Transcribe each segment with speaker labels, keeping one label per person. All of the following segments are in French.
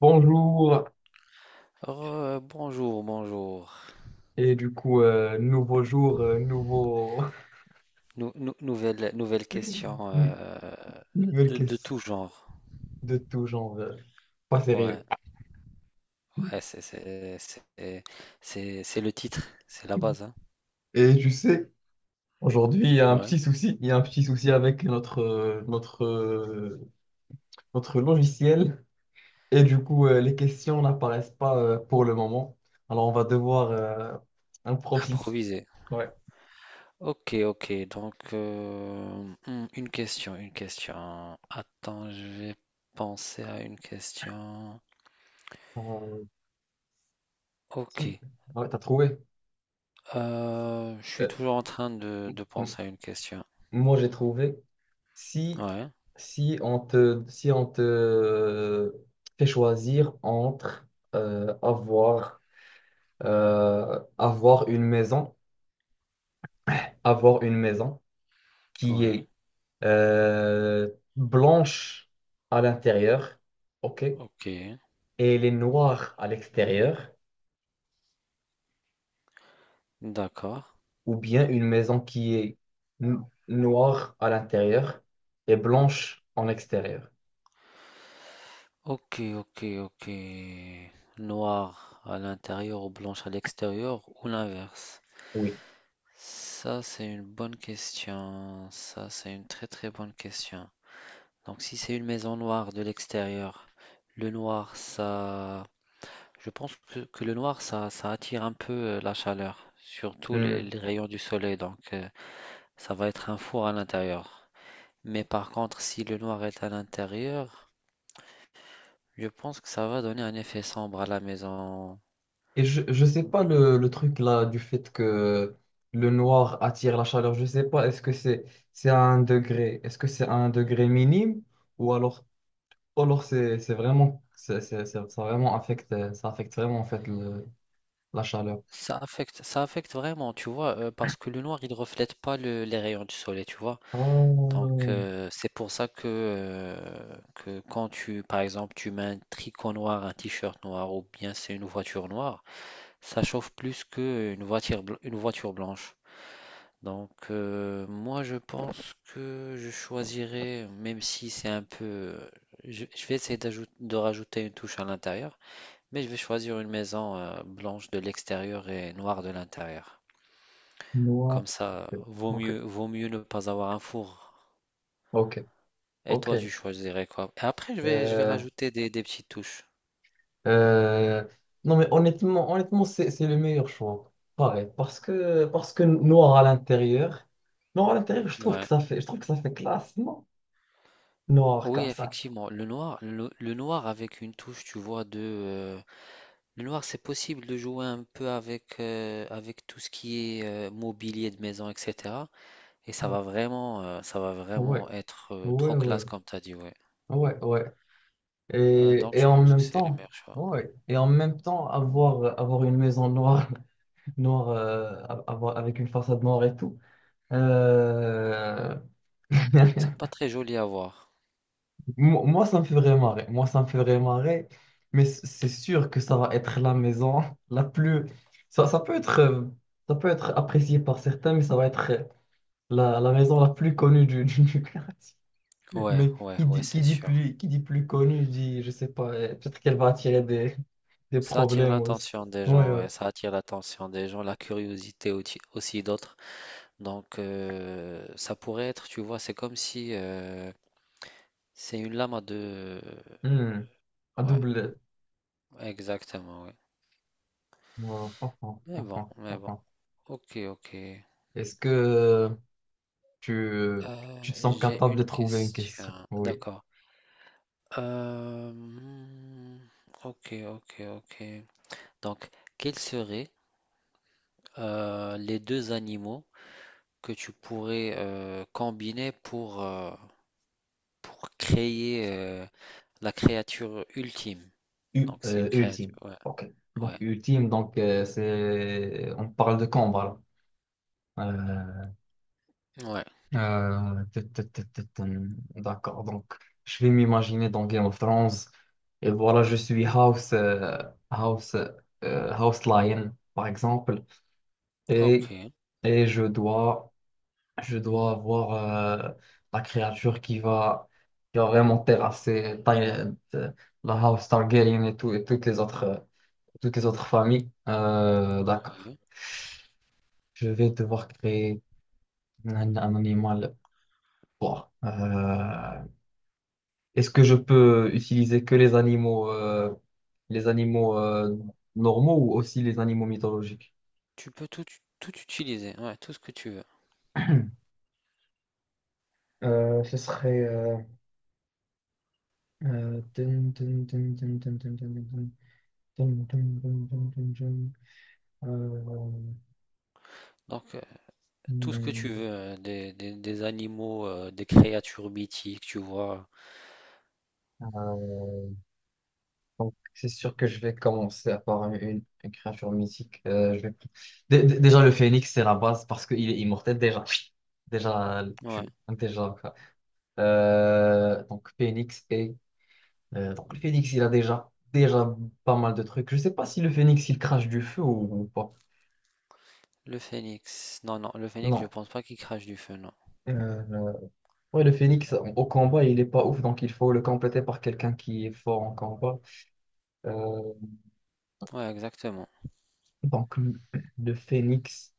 Speaker 1: Bonjour,
Speaker 2: Bonjour, bonjour.
Speaker 1: nouveau jour, nouveau...
Speaker 2: Nouvelle question
Speaker 1: nou- nouvelle
Speaker 2: de
Speaker 1: question
Speaker 2: tout genre.
Speaker 1: de tout genre, pas
Speaker 2: Ouais,
Speaker 1: sérieux.
Speaker 2: ouais, c'est le titre, c'est la base, hein.
Speaker 1: Et tu sais, aujourd'hui, il y a un
Speaker 2: Ouais.
Speaker 1: petit souci, il y a un petit souci avec notre notre logiciel, les questions n'apparaissent pas pour le moment, alors on va devoir improviser.
Speaker 2: Improviser.
Speaker 1: Ouais.
Speaker 2: Ok, ok. Donc, une question, une question. Attends, je vais penser à une question.
Speaker 1: Euh,
Speaker 2: Ok.
Speaker 1: si, ouais, t'as trouvé.
Speaker 2: Je suis
Speaker 1: Euh,
Speaker 2: toujours en train de,
Speaker 1: m-
Speaker 2: de
Speaker 1: m-
Speaker 2: penser à une question.
Speaker 1: Moi, j'ai trouvé. Si,
Speaker 2: Ouais,
Speaker 1: si on te fait choisir entre euh, avoir, euh, avoir une maison, avoir une maison qui
Speaker 2: ouais.
Speaker 1: est euh, blanche à l'intérieur, ok, et
Speaker 2: Ok.
Speaker 1: elle est noire à l'extérieur,
Speaker 2: D'accord.
Speaker 1: ou bien une maison qui est noire à l'intérieur et blanche en extérieur.
Speaker 2: Ok, ok, ok. Noir à l'intérieur ou blanche à l'extérieur ou l'inverse?
Speaker 1: Oui.
Speaker 2: Ça, c'est une bonne question. Ça, c'est une très très bonne question. Donc, si c'est une maison noire de l'extérieur, le noir, ça... je pense que le noir, ça attire un peu la chaleur, surtout les,
Speaker 1: Hmm.
Speaker 2: les rayons du soleil. Donc, ça va être un four à l'intérieur. Mais par contre, si le noir est à l'intérieur, je pense que ça va donner un effet sombre à la maison.
Speaker 1: Et je sais pas le truc là du fait que le noir attire la chaleur, je sais pas, est-ce que c'est à un degré, est-ce que c'est à un degré minime ou alors, ou alors c'est vraiment, ça vraiment affecte, ça affecte vraiment en fait la chaleur.
Speaker 2: Ça affecte vraiment, tu vois, parce que le noir, il reflète pas les rayons du soleil, tu vois. Donc,
Speaker 1: Oh,
Speaker 2: c'est pour ça que quand tu, par exemple, tu mets un tricot noir, un t-shirt noir, ou bien c'est une voiture noire, ça chauffe plus qu'une voiture, une voiture blanche. Donc, moi, je pense que je choisirais, même si c'est un peu. Je vais essayer de rajouter une touche à l'intérieur, mais je vais choisir une maison, blanche de l'extérieur et noire de l'intérieur.
Speaker 1: noir.
Speaker 2: Comme ça, vaut
Speaker 1: Ok,
Speaker 2: mieux, vaut mieux ne pas avoir un four.
Speaker 1: ok,
Speaker 2: Et
Speaker 1: ok.
Speaker 2: toi, tu choisirais quoi? Et après, je vais
Speaker 1: Euh,
Speaker 2: rajouter des petites touches.
Speaker 1: Euh, non, mais honnêtement, c'est le meilleur choix. Pareil, parce que noir à l'intérieur, je trouve que
Speaker 2: Ouais.
Speaker 1: ça fait, je trouve que ça fait classe, non? Noir
Speaker 2: Oui,
Speaker 1: comme ça.
Speaker 2: effectivement. Le noir avec une touche, tu vois, le noir, c'est possible de jouer un peu avec, avec tout ce qui est mobilier de maison, etc. Et ça va vraiment, euh, ça va
Speaker 1: Ouais,
Speaker 2: vraiment être
Speaker 1: ouais,
Speaker 2: trop
Speaker 1: ouais,
Speaker 2: classe, comme tu as dit, ouais.
Speaker 1: ouais, ouais.
Speaker 2: Euh, donc,
Speaker 1: Et
Speaker 2: je
Speaker 1: en
Speaker 2: pense que
Speaker 1: même
Speaker 2: c'est le
Speaker 1: temps,
Speaker 2: meilleur choix.
Speaker 1: ouais. Et en même temps, avoir une maison noire, noire, avoir, avec une façade noire et tout. euh,
Speaker 2: C'est pas très joli à voir.
Speaker 1: Moi, ça me fait vraiment marrer. Moi, ça me fait vraiment marrer. Mais c'est sûr que ça va être la maison la plus. Ça, ça peut être, euh, ça peut être apprécié par certains, mais ça va être la maison la plus connue du quartier.
Speaker 2: Ouais,
Speaker 1: Mais
Speaker 2: ouais, ouais, c'est sûr.
Speaker 1: qui dit plus connue dit, je sais pas, peut-être qu'elle va attirer des
Speaker 2: Ça attire
Speaker 1: problèmes aussi.
Speaker 2: l'attention des
Speaker 1: Ouais,
Speaker 2: gens,
Speaker 1: ouais.
Speaker 2: ouais, ça attire l'attention des gens, la curiosité aussi, aussi d'autres. Donc ça pourrait être, tu vois, c'est comme si c'est une lame à deux.
Speaker 1: Hmm. À
Speaker 2: Ouais,
Speaker 1: double.
Speaker 2: exactement, ouais.
Speaker 1: Ouais.
Speaker 2: Mais bon, mais bon. Ok, ok.
Speaker 1: Est-ce que tu, tu te sens
Speaker 2: J'ai
Speaker 1: capable de
Speaker 2: une
Speaker 1: trouver une question?
Speaker 2: question.
Speaker 1: Oui.
Speaker 2: D'accord. Euh, hmm, ok, ok, ok. Donc, quels seraient les deux animaux que tu pourrais combiner pour créer, la créature ultime. Donc c'est une créature,
Speaker 1: Ultime.
Speaker 2: ouais,
Speaker 1: Ok. Donc
Speaker 2: ouais,
Speaker 1: ultime, donc c'est on parle de combat là.
Speaker 2: ouais.
Speaker 1: D'accord. Donc je vais m'imaginer dans Game of Thrones et voilà, je suis House House Lion par exemple et
Speaker 2: OK,
Speaker 1: et je dois avoir euh, la créature qui va vraiment terrasser la House Targaryen et tout et toutes les autres, toutes les autres familles. D'accord.
Speaker 2: ouais.
Speaker 1: Je vais devoir créer un animal. Bon, est-ce que je peux utiliser que les animaux, les animaux euh, normaux ou aussi les animaux mythologiques?
Speaker 2: Tu peux tout tout utiliser, ouais, tout ce que tu veux.
Speaker 1: Ce serait. Dun, dun, dun, dun, dun, dun, dun, dun, dun, dun, dun, dun, dun, dun, dun. Euh,
Speaker 2: Donc, tout ce que tu
Speaker 1: hmm,
Speaker 2: veux, des animaux, des créatures mythiques, tu vois?
Speaker 1: euh, Donc, c'est sûr que je vais commencer à par une créature mythique. Je vais- Dé- dé- Déjà, le phénix, c'est la base parce qu'il est immortel. Déjà, déjà,
Speaker 2: Ouais,
Speaker 1: tu... déjà, quoi. Donc, phénix et, donc, le phénix, il a déjà, déjà pas mal de trucs. Je sais pas si le phénix, il crache du feu ou pas.
Speaker 2: le phénix. Non, non, le phénix, je
Speaker 1: Non.
Speaker 2: pense pas qu'il crache du feu, non.
Speaker 1: Euh, euh, ouais, le phénix, au combat, il est pas ouf. Donc, il faut le compléter par quelqu'un qui est fort en combat. Euh,
Speaker 2: Ouais, exactement.
Speaker 1: donc, le le phénix.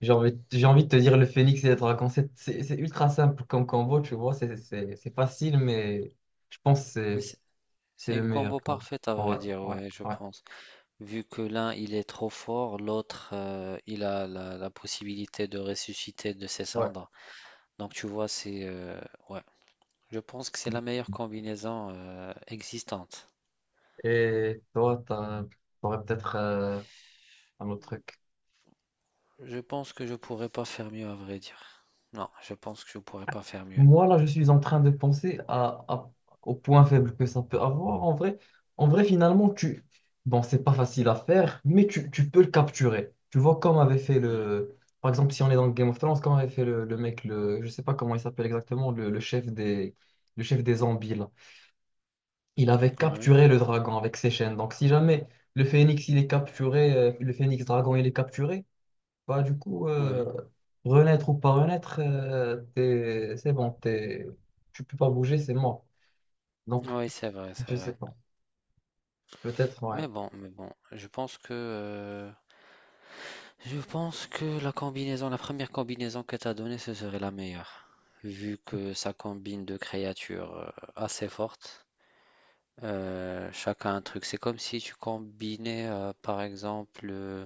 Speaker 1: J'ai envie de te dire le phénix et le dragon. C'est ultra simple comme combo, tu vois. C'est facile, mais je pense que
Speaker 2: Mais c'est
Speaker 1: c'est
Speaker 2: c'est
Speaker 1: le
Speaker 2: une
Speaker 1: meilleur
Speaker 2: combo
Speaker 1: combo.
Speaker 2: parfaite à
Speaker 1: Ouais,
Speaker 2: vrai dire,
Speaker 1: ouais,
Speaker 2: ouais, je
Speaker 1: ouais,
Speaker 2: pense. Vu que l'un il est trop fort, l'autre il a la possibilité de ressusciter de ses
Speaker 1: ouais.
Speaker 2: cendres. Donc tu vois, c'est ouais. Je pense que c'est la meilleure combinaison existante.
Speaker 1: Et toi, t'aurais peut-être un autre truc.
Speaker 2: Je pense que je pourrais pas faire mieux à vrai dire. Non, je pense que je pourrais pas faire mieux.
Speaker 1: Moi, là, je suis en train de penser au point faible que ça peut avoir. En vrai, finalement, tu... Bon, c'est pas facile à faire, mais tu peux le capturer. Tu vois, comme avait fait le... Par exemple, si on est dans Game of Thrones, comme avait fait le mec, le... je sais pas comment il s'appelle exactement, le chef des zombies, là. Il avait
Speaker 2: Oui,
Speaker 1: capturé le dragon avec ses chaînes. Donc, si jamais le phénix, il est capturé, le phénix dragon, il est capturé, bah,
Speaker 2: oui,
Speaker 1: renaître ou pas renaître, c'est bon, t'es, tu peux pas bouger, c'est mort. Donc,
Speaker 2: oui, c'est vrai, c'est
Speaker 1: je sais
Speaker 2: vrai.
Speaker 1: pas. Peut-être, ouais.
Speaker 2: Mais bon, je pense que la combinaison, la première combinaison que t'as donnée, ce serait la meilleure, vu que ça combine deux créatures assez fortes. Chacun un truc. C'est comme si tu combinais, par exemple,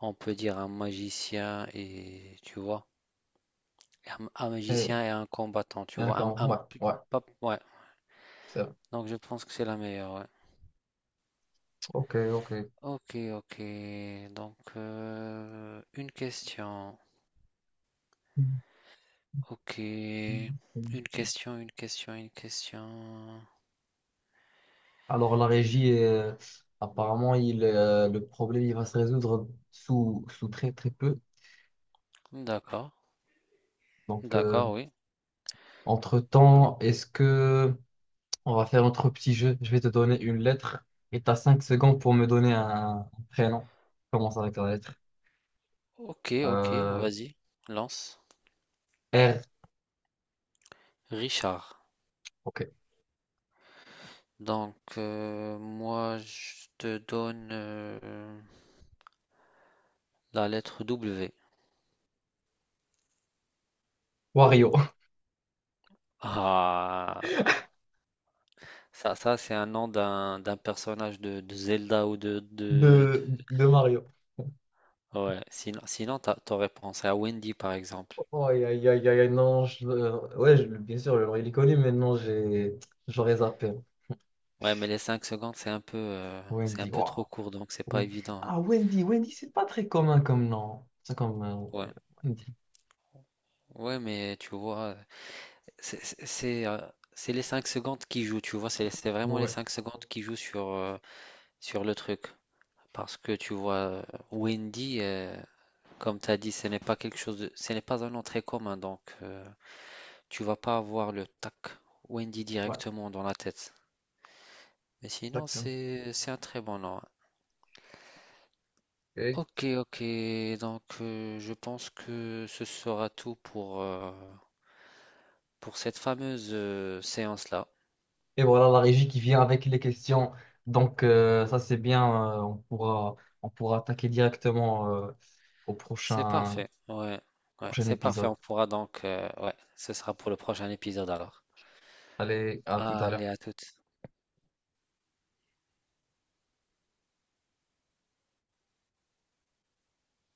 Speaker 2: on peut dire un magicien et tu vois, un
Speaker 1: Et,
Speaker 2: magicien et un combattant,
Speaker 1: et
Speaker 2: tu vois,
Speaker 1: encore, ouais, ouais,
Speaker 2: ouais.
Speaker 1: c'est vrai.
Speaker 2: Donc je pense que c'est la meilleure. Ouais.
Speaker 1: Ok, ok.
Speaker 2: Ok, ok. Donc une question. Ok, une question, une question, une question.
Speaker 1: Alors, la régie, apparemment, le problème, il va se résoudre sous, sous très, très peu.
Speaker 2: D'accord,
Speaker 1: Donc,
Speaker 2: d'accord, oui. Donc,
Speaker 1: entre-temps, est-ce que on va faire notre petit jeu. Je vais te donner une lettre et tu as 5 secondes pour me donner un prénom. Commence avec la lettre.
Speaker 2: ok, ok,
Speaker 1: Euh,
Speaker 2: vas-y, lance.
Speaker 1: R.
Speaker 2: Richard.
Speaker 1: Ok.
Speaker 2: Donc, moi, je te donne la lettre W.
Speaker 1: Wario.
Speaker 2: Ah, ça c'est un nom d'un personnage de Zelda ou de-
Speaker 1: De Mario.
Speaker 2: Ouais, sinon t'aurais pensé à Wendy, par exemple.
Speaker 1: Oh, aïe, aïe, aïe, aïe, aïe, non. Ouais, bien sûr, j'aurais les connu, mais non, j'ai, j'aurais zappé.
Speaker 2: Ouais, mais les 5 secondes, c'est un peu, euh, c'est un
Speaker 1: Wendy,
Speaker 2: peu trop
Speaker 1: waouh.
Speaker 2: court, donc c'est pas
Speaker 1: Wen-
Speaker 2: évident, hein.
Speaker 1: Ah, Wendy, Wendy, c'est pas très commun comme nom. C'est comme
Speaker 2: Ouais,
Speaker 1: Wendy.
Speaker 2: ouais, mais tu vois, c'est c'est- c'est, euh, c'est les 5 secondes qui jouent, tu vois, c'est vraiment les
Speaker 1: Ouais,
Speaker 2: 5 secondes qui jouent sur le truc. Parce que tu vois, Wendy, comme tu as dit, ce n'est pas un nom très commun, donc tu vas pas avoir le tac Wendy
Speaker 1: ouais,
Speaker 2: directement dans la tête. Mais sinon,
Speaker 1: exactement.
Speaker 2: c'est un très bon nom. Ok, ok, donc je pense que ce sera tout pour cette fameuse séance-là.
Speaker 1: Et voilà la régie qui vient avec les questions. Donc ça c'est bien, on pourra attaquer directement au
Speaker 2: C'est
Speaker 1: prochain,
Speaker 2: parfait, ouais, ouais,
Speaker 1: prochain
Speaker 2: c'est parfait,
Speaker 1: épisode.
Speaker 2: on pourra donc, ouais, ce sera pour le prochain épisode alors.
Speaker 1: Allez, à tout à l'heure.
Speaker 2: Allez, à toutes.